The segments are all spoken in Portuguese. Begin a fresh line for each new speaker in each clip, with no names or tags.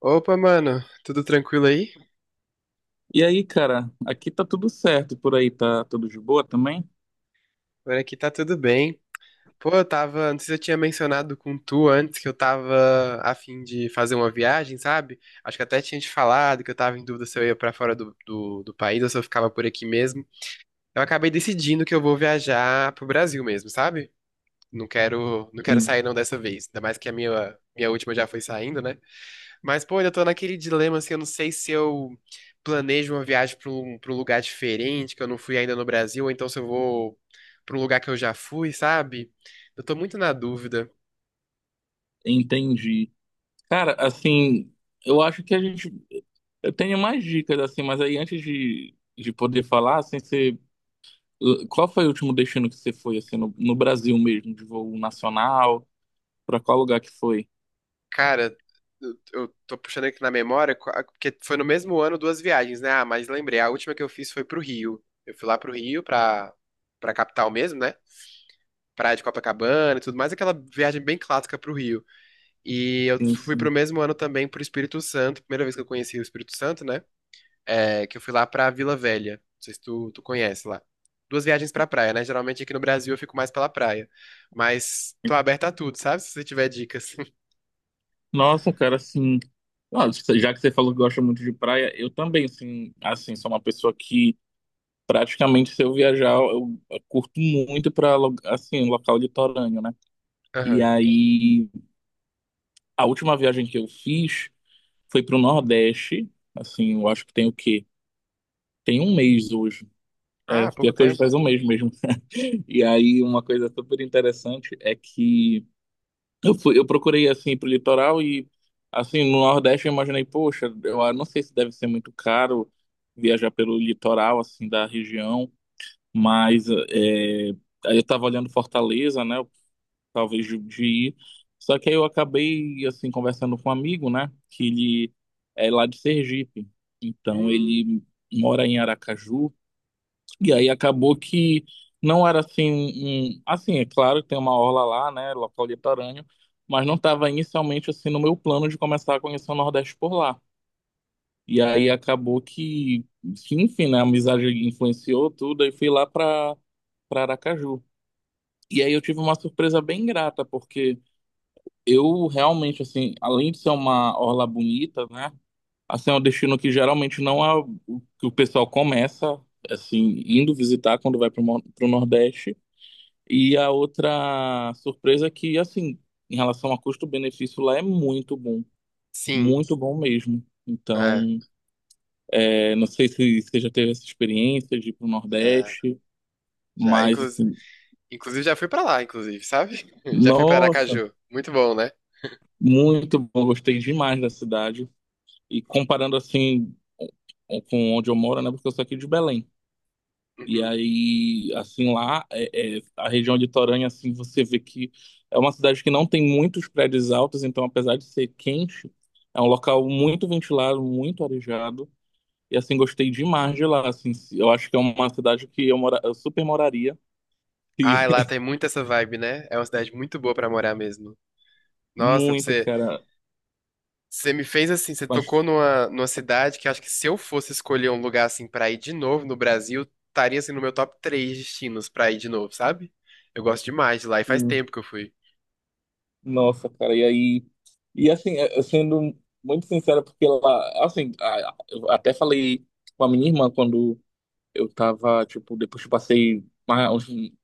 Opa, mano, tudo tranquilo aí?
E aí, cara, aqui tá tudo certo, por aí tá tudo de boa também?
Por aqui tá tudo bem. Pô, eu tava, não sei se eu tinha mencionado com tu antes que eu tava a fim de fazer uma viagem, sabe? Acho que até tinha te falado que eu tava em dúvida se eu ia pra fora do país ou se eu ficava por aqui mesmo. Eu acabei decidindo que eu vou viajar pro Brasil mesmo, sabe? Não quero
Sim,
sair não dessa vez, ainda mais que a minha última já foi saindo, né? Mas, pô, eu tô naquele dilema, assim, eu não sei se eu planejo uma viagem pra um lugar diferente, que eu não fui ainda no Brasil, ou então se eu vou pra um lugar que eu já fui, sabe? Eu tô muito na dúvida.
entendi. Cara, assim, eu acho que a gente. Eu tenho mais dicas, assim, mas aí antes de poder falar, assim, você. Qual foi o último destino que você foi, assim, no Brasil mesmo, de voo nacional? Pra qual lugar que foi?
Cara, eu tô puxando aqui na memória, porque foi no mesmo ano duas viagens, né? Ah, mas lembrei, a última que eu fiz foi pro Rio. Eu fui lá pro Rio, pra capital mesmo, né? Praia de Copacabana e tudo mais, aquela viagem bem clássica pro Rio. E eu
Sim,
fui pro
sim.
mesmo ano também pro Espírito Santo, primeira vez que eu conheci o Espírito Santo, né? É, que eu fui lá pra Vila Velha. Não sei se tu conhece lá. Duas viagens pra praia, né? Geralmente aqui no Brasil eu fico mais pela praia. Mas tô aberta a tudo, sabe? Se você tiver dicas.
Nossa, cara, assim. Ó, já que você falou que gosta muito de praia, eu também, assim, sou uma pessoa que. Praticamente se eu viajar, eu curto muito para assim, local litorâneo, né? E
Aham.
aí a última viagem que eu fiz foi pro Nordeste, assim, eu acho que tem o quê? Tem um mês hoje. É,
Ah, pouco
pior que hoje faz
tempo.
um mês mesmo. E aí uma coisa super interessante é que eu procurei assim pro litoral e assim, no Nordeste eu imaginei, poxa, eu não sei se deve ser muito caro viajar pelo litoral assim da região. Mas é, aí eu tava olhando Fortaleza, né? Talvez de ir. Só que aí eu acabei, assim, conversando com um amigo, né? Que ele é lá de Sergipe. Então
Hum,
ele mora em Aracaju. E aí acabou que não era assim. Assim, é claro que tem uma orla lá, né? Local litorâneo. Mas não estava inicialmente, assim, no meu plano de começar a conhecer o Nordeste por lá. E aí acabou que, enfim, né? A amizade influenciou tudo. E fui lá para Aracaju. E aí eu tive uma surpresa bem grata, porque eu realmente, assim, além de ser uma orla bonita, né? Assim, é um destino que geralmente não é o que o pessoal começa, assim, indo visitar quando vai para o Nordeste. E a outra surpresa é que, assim, em relação a custo-benefício, lá é
sim.
muito bom mesmo.
É,
Então, é, não sei se você já teve essa experiência de ir para o
já,
Nordeste,
já.
mas,
Inclusive,
assim,
inclusive já fui pra lá, inclusive, sabe? Já fui pra
nossa,
Aracaju. Muito bom, né?
muito bom, gostei demais da cidade. E comparando assim com onde eu moro, né? Porque eu sou aqui de Belém. E
Uhum.
aí, assim, lá, a região de litorânea, assim, você vê que é uma cidade que não tem muitos prédios altos, então, apesar de ser quente, é um local muito ventilado, muito arejado. E, assim, gostei demais de lá, assim. Eu acho que é uma cidade que eu super moraria. E
Ai, lá tem muito essa vibe, né? É uma cidade muito boa pra morar mesmo. Nossa,
muito,
você.
cara.
Você me fez assim, você tocou
Mas
numa cidade que acho que se eu fosse escolher um lugar assim pra ir de novo no Brasil, estaria assim no meu top três destinos pra ir de novo, sabe? Eu gosto demais de lá e faz tempo que eu fui.
nossa, cara, e aí. E assim, sendo muito sincero, porque ela. Assim, eu até falei com a minha irmã quando eu tava, tipo, depois que eu passei uma- um,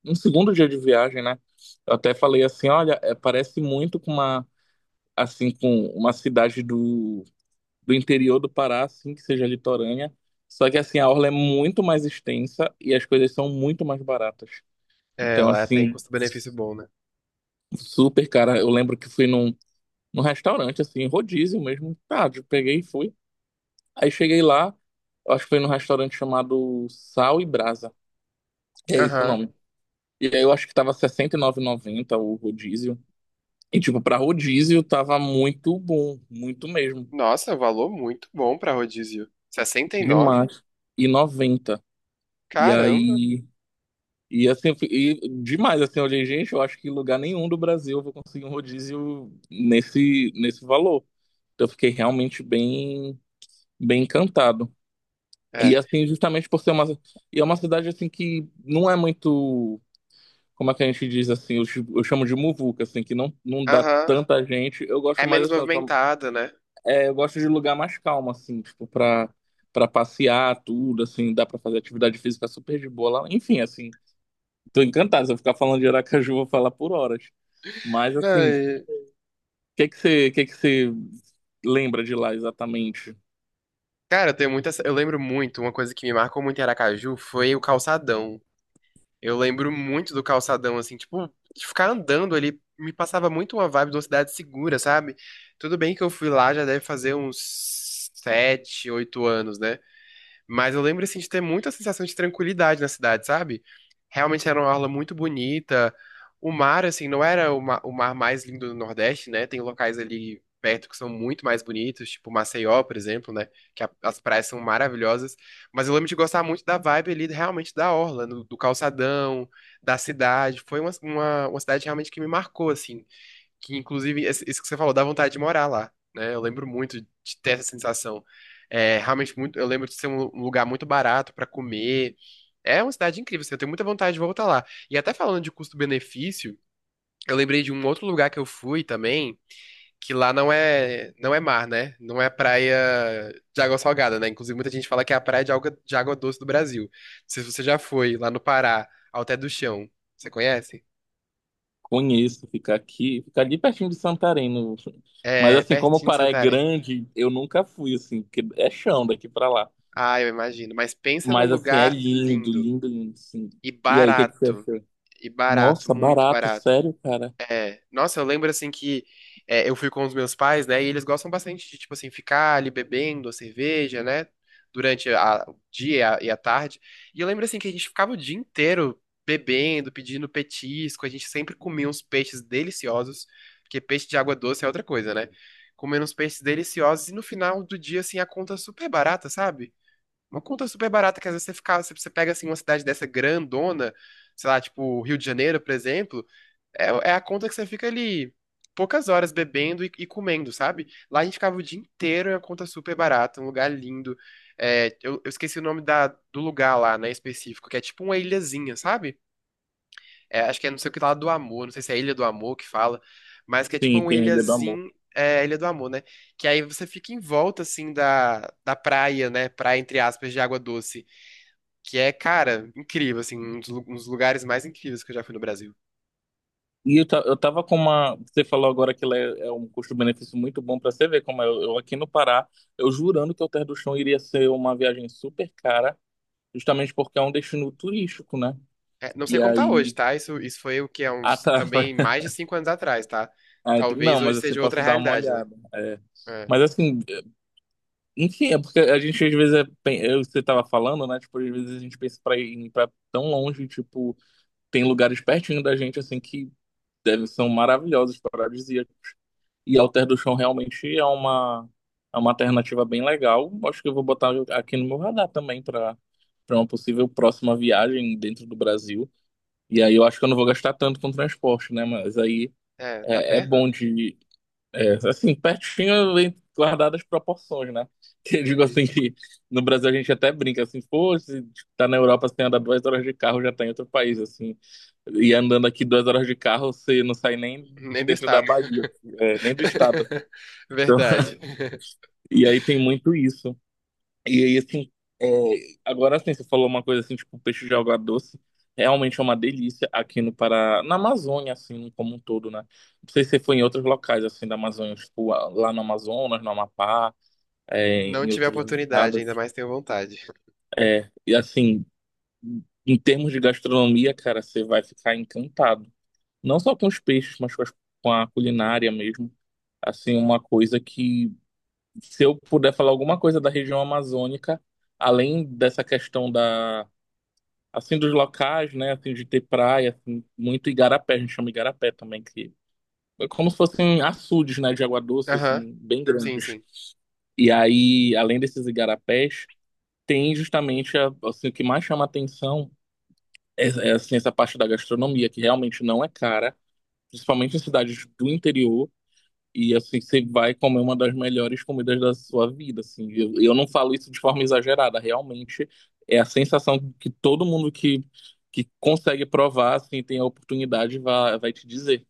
um segundo dia de viagem, né? Eu até falei assim: olha, parece muito com uma. Assim, com uma cidade do interior do Pará, assim, que seja litorânea. Só que, assim, a orla é muito mais extensa e as coisas são muito mais baratas.
É,
Então,
lá tem
assim,
custo-benefício bom, né?
super, cara. Eu lembro que fui num. Num restaurante, assim, rodízio mesmo. Tá, eu peguei e fui. Aí cheguei lá, eu acho que foi num restaurante chamado Sal e Brasa. É esse o
Aham.
nome. E aí eu acho que tava R$ 69,90 o rodízio. E, tipo, pra rodízio tava muito bom, muito mesmo.
Nossa, valor muito bom pra rodízio. 69?
Demais. E noventa. E
Caramba.
aí. E assim, e demais, assim, eu olhei, gente, eu acho que em lugar nenhum do Brasil eu vou conseguir um rodízio nesse, valor. Então eu fiquei realmente bem encantado. E
É.
assim, justamente por ser uma. E é uma cidade assim que não é muito. Como é que a gente diz assim? Eu chamo de muvuca, assim, que não, não dá
Aham.
tanta gente. Eu
É
gosto mais
menos
assim,
movimentada, né?
é, eu gosto de lugar mais calmo, assim, tipo, pra passear, tudo, assim, dá pra fazer atividade física super de boa lá. Enfim, assim, tô encantado. Se eu ficar falando de Aracaju, eu vou falar por horas. Mas
Não,
assim,
e-.
o que que você lembra de lá exatamente?
Cara, eu tenho muita. Eu lembro muito, uma coisa que me marcou muito em Aracaju foi o calçadão. Eu lembro muito do calçadão, assim, tipo, de ficar andando ali, me passava muito uma vibe de uma cidade segura, sabe? Tudo bem que eu fui lá, já deve fazer uns sete, oito anos, né? Mas eu lembro, assim, de ter muita sensação de tranquilidade na cidade, sabe? Realmente era uma orla muito bonita. O mar, assim, não era o mar mais lindo do Nordeste, né? Tem locais ali perto que são muito mais bonitos, tipo Maceió, por exemplo, né? As praias são maravilhosas. Mas eu lembro de gostar muito da vibe ali, realmente da orla, do calçadão, da cidade. Foi uma cidade realmente que me marcou, assim. Que, inclusive, isso que você falou, dá vontade de morar lá, né? Eu lembro muito de ter essa sensação. É, realmente muito, eu lembro de ser um lugar muito barato pra comer. É uma cidade incrível, assim, eu tenho muita vontade de voltar lá. E até falando de custo-benefício, eu lembrei de um outro lugar que eu fui também, que lá não é mar, né? Não é praia de água salgada, né? Inclusive, muita gente fala que é a praia de água doce do Brasil. Não sei se você já foi lá no Pará, ao Té do Chão. Você conhece?
Conheço, ficar aqui, ficar ali pertinho de Santarém. Mas
É
assim, como o
pertinho de
Pará é
Santarém.
grande, eu nunca fui, assim, porque é chão daqui pra lá.
Ah, eu imagino. Mas pensa num
Mas assim, é
lugar
lindo,
lindo
lindo, lindo, sim.
e
E aí, o que que você
barato.
achou?
E barato,
Nossa,
muito
barato,
barato.
sério, cara.
É. Nossa, eu lembro assim que é, eu fui com os meus pais, né? E eles gostam bastante de, tipo assim, ficar ali bebendo a cerveja, né? Durante o dia e e a tarde. E eu lembro assim que a gente ficava o dia inteiro bebendo, pedindo petisco. A gente sempre comia uns peixes deliciosos, porque peixe de água doce é outra coisa, né? Comendo uns peixes deliciosos e no final do dia, assim, a conta super barata, sabe? Uma conta super barata que às vezes você fica, você pega assim uma cidade dessa grandona, sei lá, tipo Rio de Janeiro, por exemplo, é, é a conta que você fica ali poucas horas bebendo e comendo, sabe? Lá a gente ficava o dia inteiro em uma conta super barata, um lugar lindo. É, eu esqueci o nome do lugar lá, né, específico, que é tipo uma ilhazinha, sabe? É, acho que é não sei o que lá do amor, não sei se é Ilha do Amor que fala, mas que é tipo
Sim,
uma
tem a Ilha do Amor.
ilhazinha, é, Ilha do Amor, né? Que aí você fica em volta, assim, da praia, né? Praia, entre aspas, de água doce que é, cara, incrível, assim, um dos lugares mais incríveis que eu já fui no Brasil.
E eu tava com uma. Você falou agora que ela é um custo-benefício muito bom pra você ver como é. Eu aqui no Pará, eu jurando que o Terra do Chão iria ser uma viagem super cara, justamente porque é um destino turístico, né?
É, não sei
E
como tá
aí.
hoje, tá? Isso foi o que é
Ah,
uns,
tá.
também mais de cinco anos atrás, tá?
Ah,
Talvez
não,
hoje
mas assim,
seja outra
posso dar uma
realidade, né?
olhada. É.
É,
Mas assim, enfim, é porque a gente às vezes é, pen- eu você tava falando, né? Tipo, às vezes a gente pensa pra ir pra tão longe, tipo, tem lugares pertinho da gente assim que devem são maravilhosos, paradisíacos. E Alter do Chão realmente é uma alternativa bem legal. Acho que eu vou botar aqui no meu radar também pra para uma possível próxima viagem dentro do Brasil. E aí eu acho que eu não vou gastar tanto com transporte, né? Mas aí
tá
é, é
perto, né?
bom de é, assim, pertinho, guardadas as proporções, né? Que eu digo
Uhum.
assim que no Brasil a gente até brinca assim, pô, se tá na Europa, você anda 2 horas de carro, já tá em outro país, assim. E andando aqui 2 horas de carro, você não sai nem de
Nem do
dentro da
estado.
Bahia, assim, é, nem do estado, assim. Então,
Verdade.
e aí tem muito isso. E aí, assim, é, agora assim, você falou uma coisa assim, tipo, peixe de alga doce. Realmente é uma delícia aqui no Pará, na Amazônia, assim, como um todo, né? Não sei se você foi em outros locais, assim, da Amazônia, tipo, lá no Amazonas, no Amapá, é,
Não
em
tive a
outros
oportunidade,
estados.
ainda mais tenho vontade.
É, e assim, em termos de gastronomia, cara, você vai ficar encantado. Não só com os peixes, mas com com a culinária mesmo. Assim, uma coisa que, se eu puder falar alguma coisa da região amazônica, além dessa questão da. Assim, dos locais, né? Assim, de ter praia, assim, muito igarapé, a gente chama igarapé também, que é como se fossem açudes, né? De água doce,
Aham,
assim, bem
sim,
grandes.
sim.
E aí, além desses igarapés, tem justamente, assim, o que mais chama atenção assim, essa parte da gastronomia, que realmente não é cara, principalmente em cidades do interior. E assim, você vai comer uma das melhores comidas da sua vida, assim. Eu não falo isso de forma exagerada, realmente é a sensação que todo mundo que, consegue provar, assim, tem a oportunidade, vai te dizer.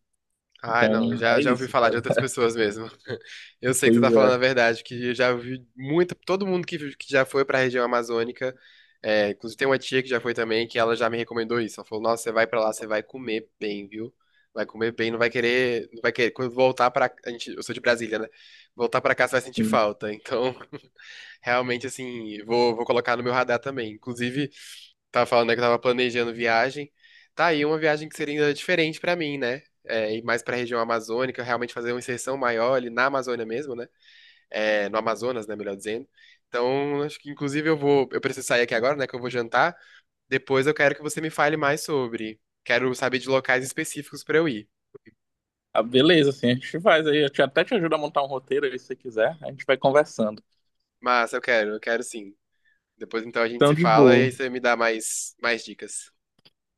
Ai,
Então,
não, já,
é
já ouvi
isso,
falar de
cara.
outras pessoas mesmo. Eu sei que você
Pois
tá falando a
é.
verdade, que eu já ouvi muita, todo mundo que já foi pra região amazônica, é, inclusive tem uma tia que já foi também, que ela já me recomendou isso. Ela falou, nossa, você vai pra lá, você vai comer bem, viu? Vai comer bem, não vai querer, não vai querer, quando voltar pra, a gente, eu sou de Brasília, né? Voltar pra cá, você vai sentir
Hum.
falta. Então, realmente, assim, vou colocar no meu radar também. Inclusive, tava falando, né, que eu tava planejando viagem. Tá aí uma viagem que seria ainda diferente pra mim, né? É, ir mais pra região amazônica, realmente fazer uma inserção maior ali na Amazônia mesmo, né? É, no Amazonas, né, melhor dizendo. Então, acho que inclusive eu preciso sair aqui agora, né, que eu vou jantar. Depois eu quero que você me fale mais sobre. Quero saber de locais específicos pra eu ir.
Ah, beleza, assim, a gente faz aí. Eu até te ajudo a montar um roteiro aí, se você quiser. A gente vai conversando.
Mas eu quero sim. Depois então a gente
Então,
se
de
fala e
boa.
aí você me dá mais dicas.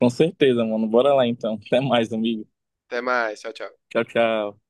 Com certeza, mano. Bora lá, então. Até mais, amigo.
Até mais, tchau, tchau.
Tchau, tchau.